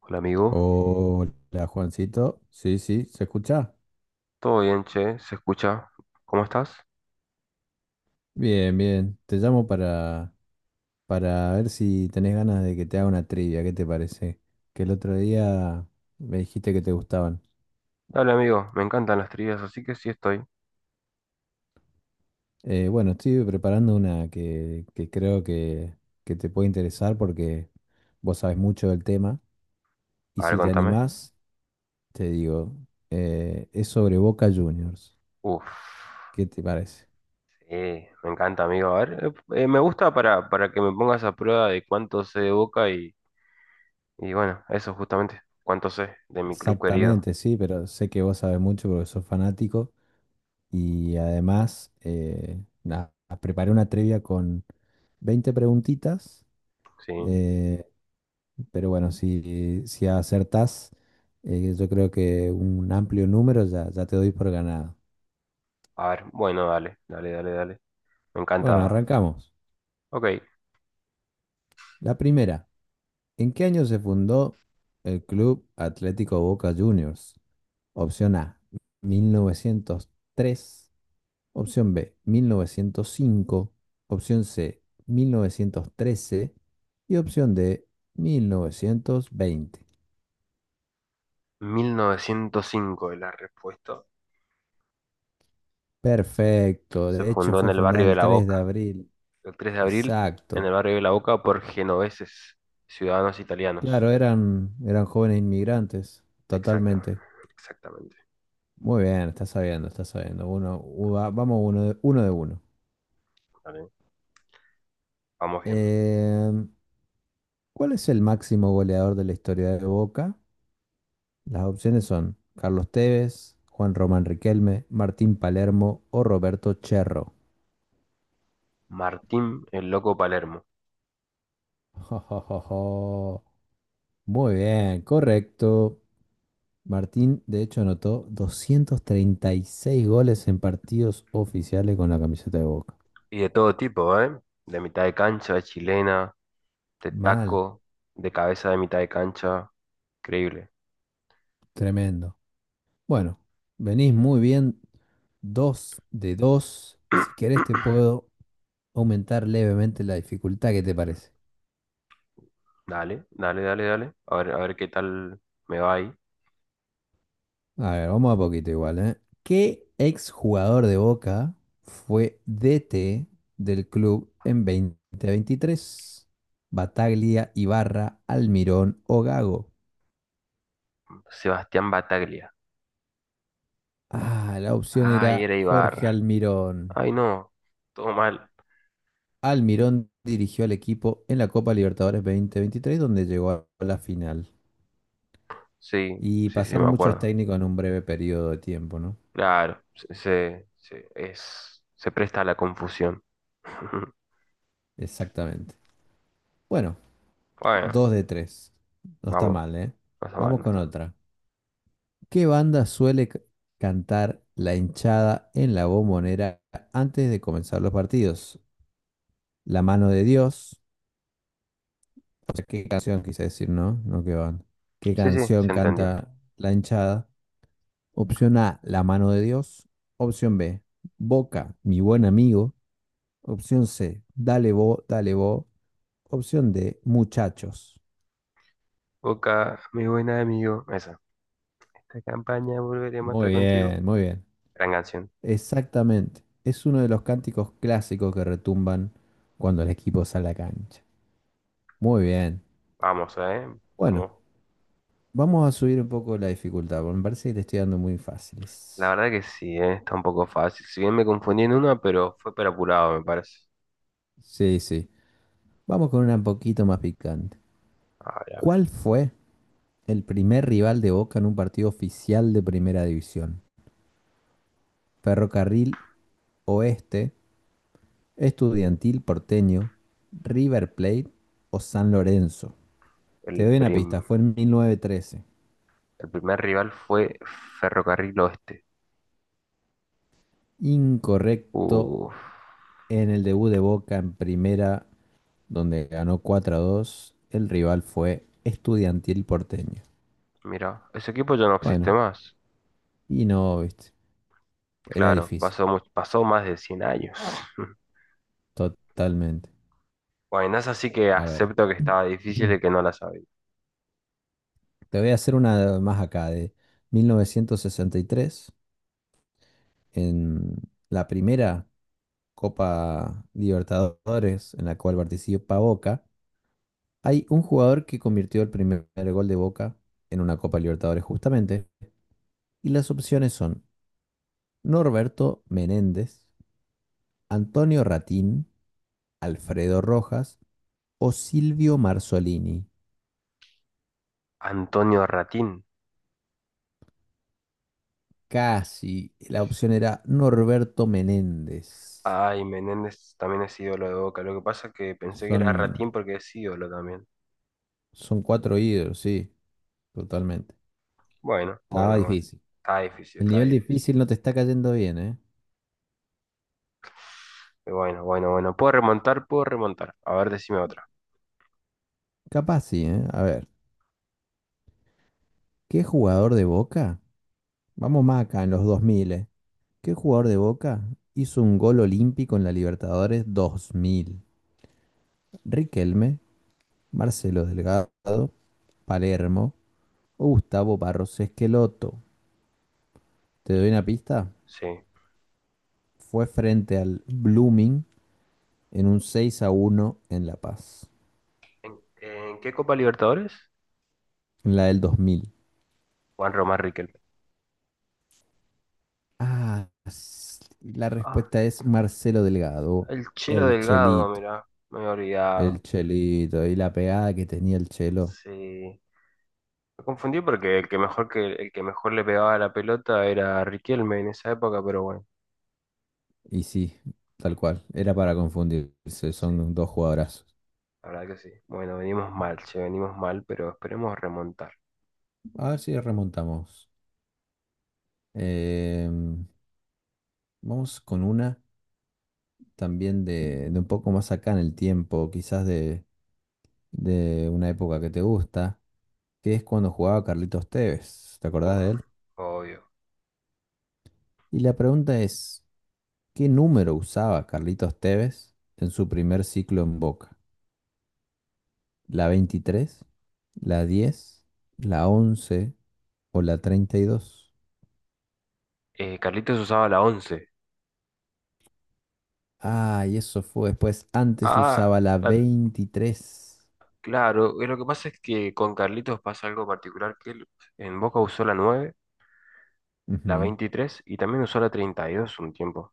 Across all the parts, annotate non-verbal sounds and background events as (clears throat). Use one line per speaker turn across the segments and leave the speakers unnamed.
Hola amigo,
Hola, Juancito. Sí, sí, ¿se escucha?
todo bien, che, se escucha. ¿Cómo estás?
Bien, bien. Te llamo para ver si tenés ganas de que te haga una trivia. ¿Qué te parece? Que el otro día me dijiste que te gustaban.
Dale amigo, me encantan las trivias, así que sí estoy.
Bueno, estoy preparando una que creo que te puede interesar porque vos sabés mucho del tema. Y
A ver,
si te
contame.
animás, te digo, es sobre Boca Juniors.
Uf,
¿Qué te parece?
sí, me encanta amigo. A ver, me gusta para que me pongas a prueba de cuánto sé de Boca y bueno, eso justamente, cuánto sé de mi club querido.
Exactamente, sí, pero sé que vos sabés mucho porque sos fanático. Y además, nada, preparé una trivia con 20 preguntitas,
Sí,
eh, pero bueno, si acertás, yo creo que un amplio número ya te doy por ganado.
a ver, bueno, dale, dale, dale, dale. Me
Bueno,
encanta.
arrancamos.
Ok,
La primera, ¿en qué año se fundó el Club Atlético Boca Juniors? Opción A, 1903. Opción B, 1905. Opción C, 1913. Y opción D, 1920.
1905 es la respuesta.
Perfecto.
Se
De hecho,
fundó en
fue
el
fundada
barrio de
el
La
tres de
Boca.
abril.
El 3 de abril, en
Exacto.
el barrio de La Boca, por genoveses, ciudadanos italianos.
Claro, eran jóvenes inmigrantes.
Exacto,
Totalmente.
exactamente.
Muy bien, está sabiendo, está sabiendo. Vamos uno de uno. De uno.
Vale, vamos bien.
Em, ¿Cuál es el máximo goleador de la historia de Boca? Las opciones son Carlos Tevez, Juan Román Riquelme, Martín Palermo o Roberto Cherro.
Martín, el loco Palermo.
(laughs) Jo, jo, jo, jo. Muy bien, correcto. Martín, de hecho, anotó 236 goles en partidos oficiales con la camiseta de Boca.
Y de todo tipo, ¿eh? De mitad de cancha, de chilena, de
Mal,
taco, de cabeza de mitad de cancha. Increíble.
tremendo. Bueno, venís muy bien, 2 de 2. Si querés, te puedo aumentar levemente la dificultad. ¿Qué te parece?
Dale, dale, dale, dale. A ver qué tal me va ahí.
A ver, vamos a poquito igual, ¿eh? ¿Qué exjugador de Boca fue DT del club en 2023? Bataglia, Ibarra, Almirón o Gago.
Sebastián Bataglia.
Ah, la opción
Ay,
era
era
Jorge
Ibar.
Almirón.
Ay, no. Todo mal.
Almirón dirigió al equipo en la Copa Libertadores 2023, donde llegó a la final.
Sí,
Y
sí, sí, me
pasaron muchos
acuerdo.
técnicos en un breve periodo de tiempo, ¿no?
Claro, se presta a la confusión. (laughs)
Exactamente. Bueno,
Bueno,
2 de tres. No está
vamos,
mal, ¿eh?
no está mal,
Vamos
no
con
está.
otra. ¿Qué banda suele c- cantar la hinchada en la bombonera antes de comenzar los partidos? La mano de Dios. O sea, ¿qué canción quise decir, no? No, qué banda. ¿Qué
Sí, sí,
canción
se entendió.
canta la hinchada? Opción A, La mano de Dios. Opción B, Boca, mi buen amigo. Opción C, Dale bo, dale bo. Opción D, Muchachos.
Boca, mi buen amigo, esa. Esta campaña volveremos a estar
Muy
contigo.
bien, muy bien.
Gran canción.
Exactamente. Es uno de los cánticos clásicos que retumban cuando el equipo sale a la cancha. Muy bien.
Vamos,
Bueno,
vamos.
vamos a subir un poco la dificultad, porque me parece que le estoy dando muy
La
fáciles.
verdad que sí, está un poco fácil. Si bien me confundí en una, pero fue por apurado, me parece.
Sí, sí. Vamos con una un poquito más picante.
A ver, a ver.
¿Cuál fue el primer rival de Boca en un partido oficial de Primera División? Ferrocarril Oeste, Estudiantil Porteño, River Plate o San Lorenzo. Te
El
doy una
prim-
pista, fue en 1913.
el primer rival fue Ferrocarril Oeste.
Incorrecto.
Uf,
En el debut de Boca en Primera, donde ganó 4 a dos, el rival fue Estudiantil Porteño.
mira, ese equipo ya no existe
Bueno,
más.
y no, viste, era
Claro,
difícil,
pasó más de 100 años. (laughs)
totalmente.
Bueno, es así que
A ver,
acepto que estaba
(clears throat)
difícil
te
y que no la sabía.
voy a hacer una más acá, de 1963, en la primera Copa Libertadores en la cual participa Boca. Hay un jugador que convirtió el primer gol de Boca en una Copa Libertadores justamente, y las opciones son Norberto Menéndez, Antonio Ratín, Alfredo Rojas o Silvio Marzolini.
Antonio Ratín.
Casi. La opción era Norberto Menéndez.
Ay, Menéndez también es ídolo de Boca. Lo que pasa es que pensé que
Son,
era Ratín porque es ídolo también.
son cuatro ídolos, sí, totalmente.
Bueno,
Estaba
bueno, bueno.
difícil.
Está difícil,
El
está
nivel
difícil.
difícil no te está cayendo bien, ¿eh?
Pero bueno, bueno, bueno. Puedo remontar, puedo remontar. A ver, decime otra.
Capaz sí, ¿eh? A ver, ¿qué jugador de Boca? Vamos más acá, en los 2000, ¿eh? ¿Qué jugador de Boca hizo un gol olímpico en la Libertadores 2000? Riquelme, Marcelo Delgado, Palermo o Gustavo Barros Esqueloto. Te doy una pista.
Sí.
Fue frente al Blooming en un 6 a uno en La Paz,
En qué Copa Libertadores?
en la del 2000.
Juan Román Riquelme.
La
Ah,
respuesta es Marcelo Delgado,
el Chelo
el
Delgado,
Chelito,
mirá. Me he olvidado.
el Chelito y la pegada que tenía el Chelo.
Sí. Me confundí porque el que mejor le pegaba a la pelota era Riquelme en esa época, pero bueno,
Y sí, tal cual, era para
pero
confundirse,
sí,
son dos jugadorazos.
la verdad que sí. Bueno, venimos mal, che, venimos mal, pero esperemos remontar.
A ver si remontamos. Em, vamos con una también de un poco más acá en el tiempo, quizás de una época que te gusta, que es cuando jugaba Carlitos Tevez. ¿Te acordás
Uf,
de él?
obvio.
Y la pregunta es, ¿qué número usaba Carlitos Tevez en su primer ciclo en Boca? ¿La 23, ¿la 10, ¿la 11 o la 32?
Carlitos usaba la 11.
Ah, y eso fue después. Antes
Ah,
usaba la
la-
23.
claro, lo que pasa es que con Carlitos pasa algo particular, que él en Boca usó la 9, la
Ujú.
23 y también usó la 32 un tiempo.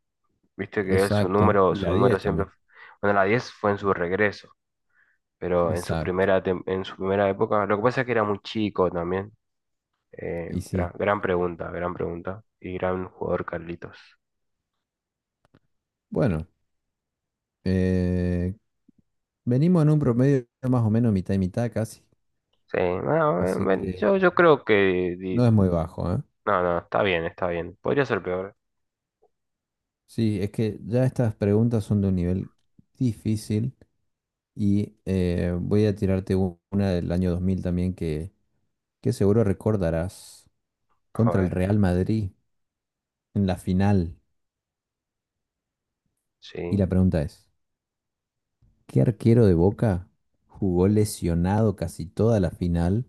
Viste que él
Exacto. Y
su
la
número
10
siempre,
también.
bueno, la 10 fue en su regreso. Pero en su
Exacto.
en su primera época, lo que pasa es que era muy chico también.
Y sí.
Gran, gran pregunta, gran pregunta. Y gran jugador Carlitos.
Bueno, eh, venimos en un promedio más o menos mitad y mitad casi.
Sí, no,
Así
bueno,
que
yo creo que... di-
no es muy bajo, ¿eh?
No, no, está bien, está bien. Podría ser peor.
Sí, es que ya estas preguntas son de un nivel difícil y voy a tirarte una del año 2000 también que seguro recordarás
A
contra el
ver,
Real Madrid en la final. Y
sí.
la pregunta es, ¿qué arquero de Boca jugó lesionado casi toda la final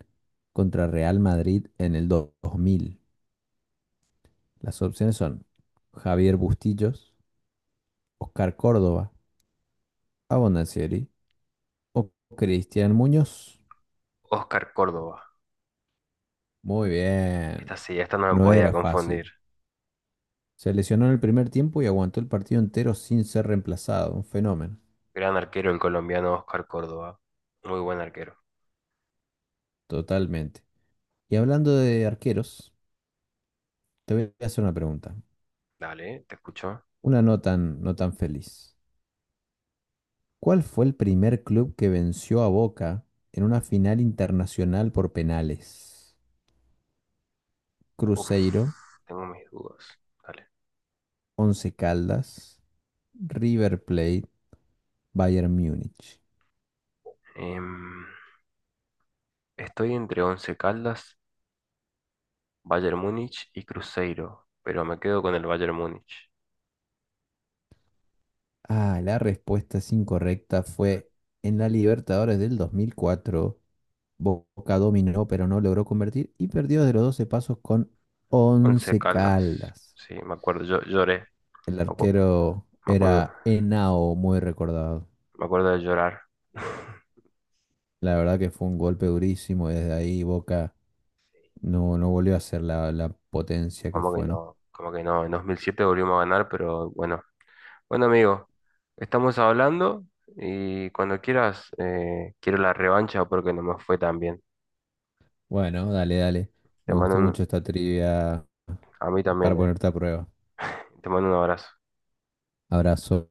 contra Real Madrid en el dos mil? Las opciones son Javier Bustillos, Oscar Córdoba, Abondanzieri o Cristian Muñoz.
Oscar Córdoba.
Muy bien.
Esta sí, esta no me
No
podía
era
confundir.
fácil. Se lesionó en el primer tiempo y aguantó el partido entero sin ser reemplazado. Un fenómeno.
Gran arquero el colombiano Oscar Córdoba. Muy buen arquero.
Totalmente. Y hablando de arqueros, te voy a hacer una pregunta.
Dale, te escucho.
Una no tan feliz. ¿Cuál fue el primer club que venció a Boca en una final internacional por penales?
Uf,
Cruzeiro,
tengo mis dudas. Dale.
Once Caldas, River Plate, Bayern Múnich.
Em, estoy entre Once Caldas, Bayern Múnich y Cruzeiro, pero me quedo con el Bayern Múnich.
Ah, la respuesta es incorrecta. Fue en la Libertadores del 2004. Boca dominó, pero no logró convertir y perdió de los 12 pasos con
Once
Once
Caldas,
Caldas.
sí, me acuerdo, yo lloré,
El
me acu-
arquero
me acuerdo,
era Henao, muy recordado.
me acuerdo de llorar. (laughs)
La verdad que fue un golpe durísimo. Desde ahí Boca no volvió a ser la potencia que fue, ¿no?
Como que no, en 2007 volvimos a ganar, pero bueno. Bueno, amigo, estamos hablando y cuando quieras, quiero la revancha porque no me fue tan bien.
Bueno, dale, dale.
Te
Me
mando
gustó
un-
mucho esta trivia
a mí
para
también, eh.
ponerte a prueba.
Te mando un abrazo.
Abrazo.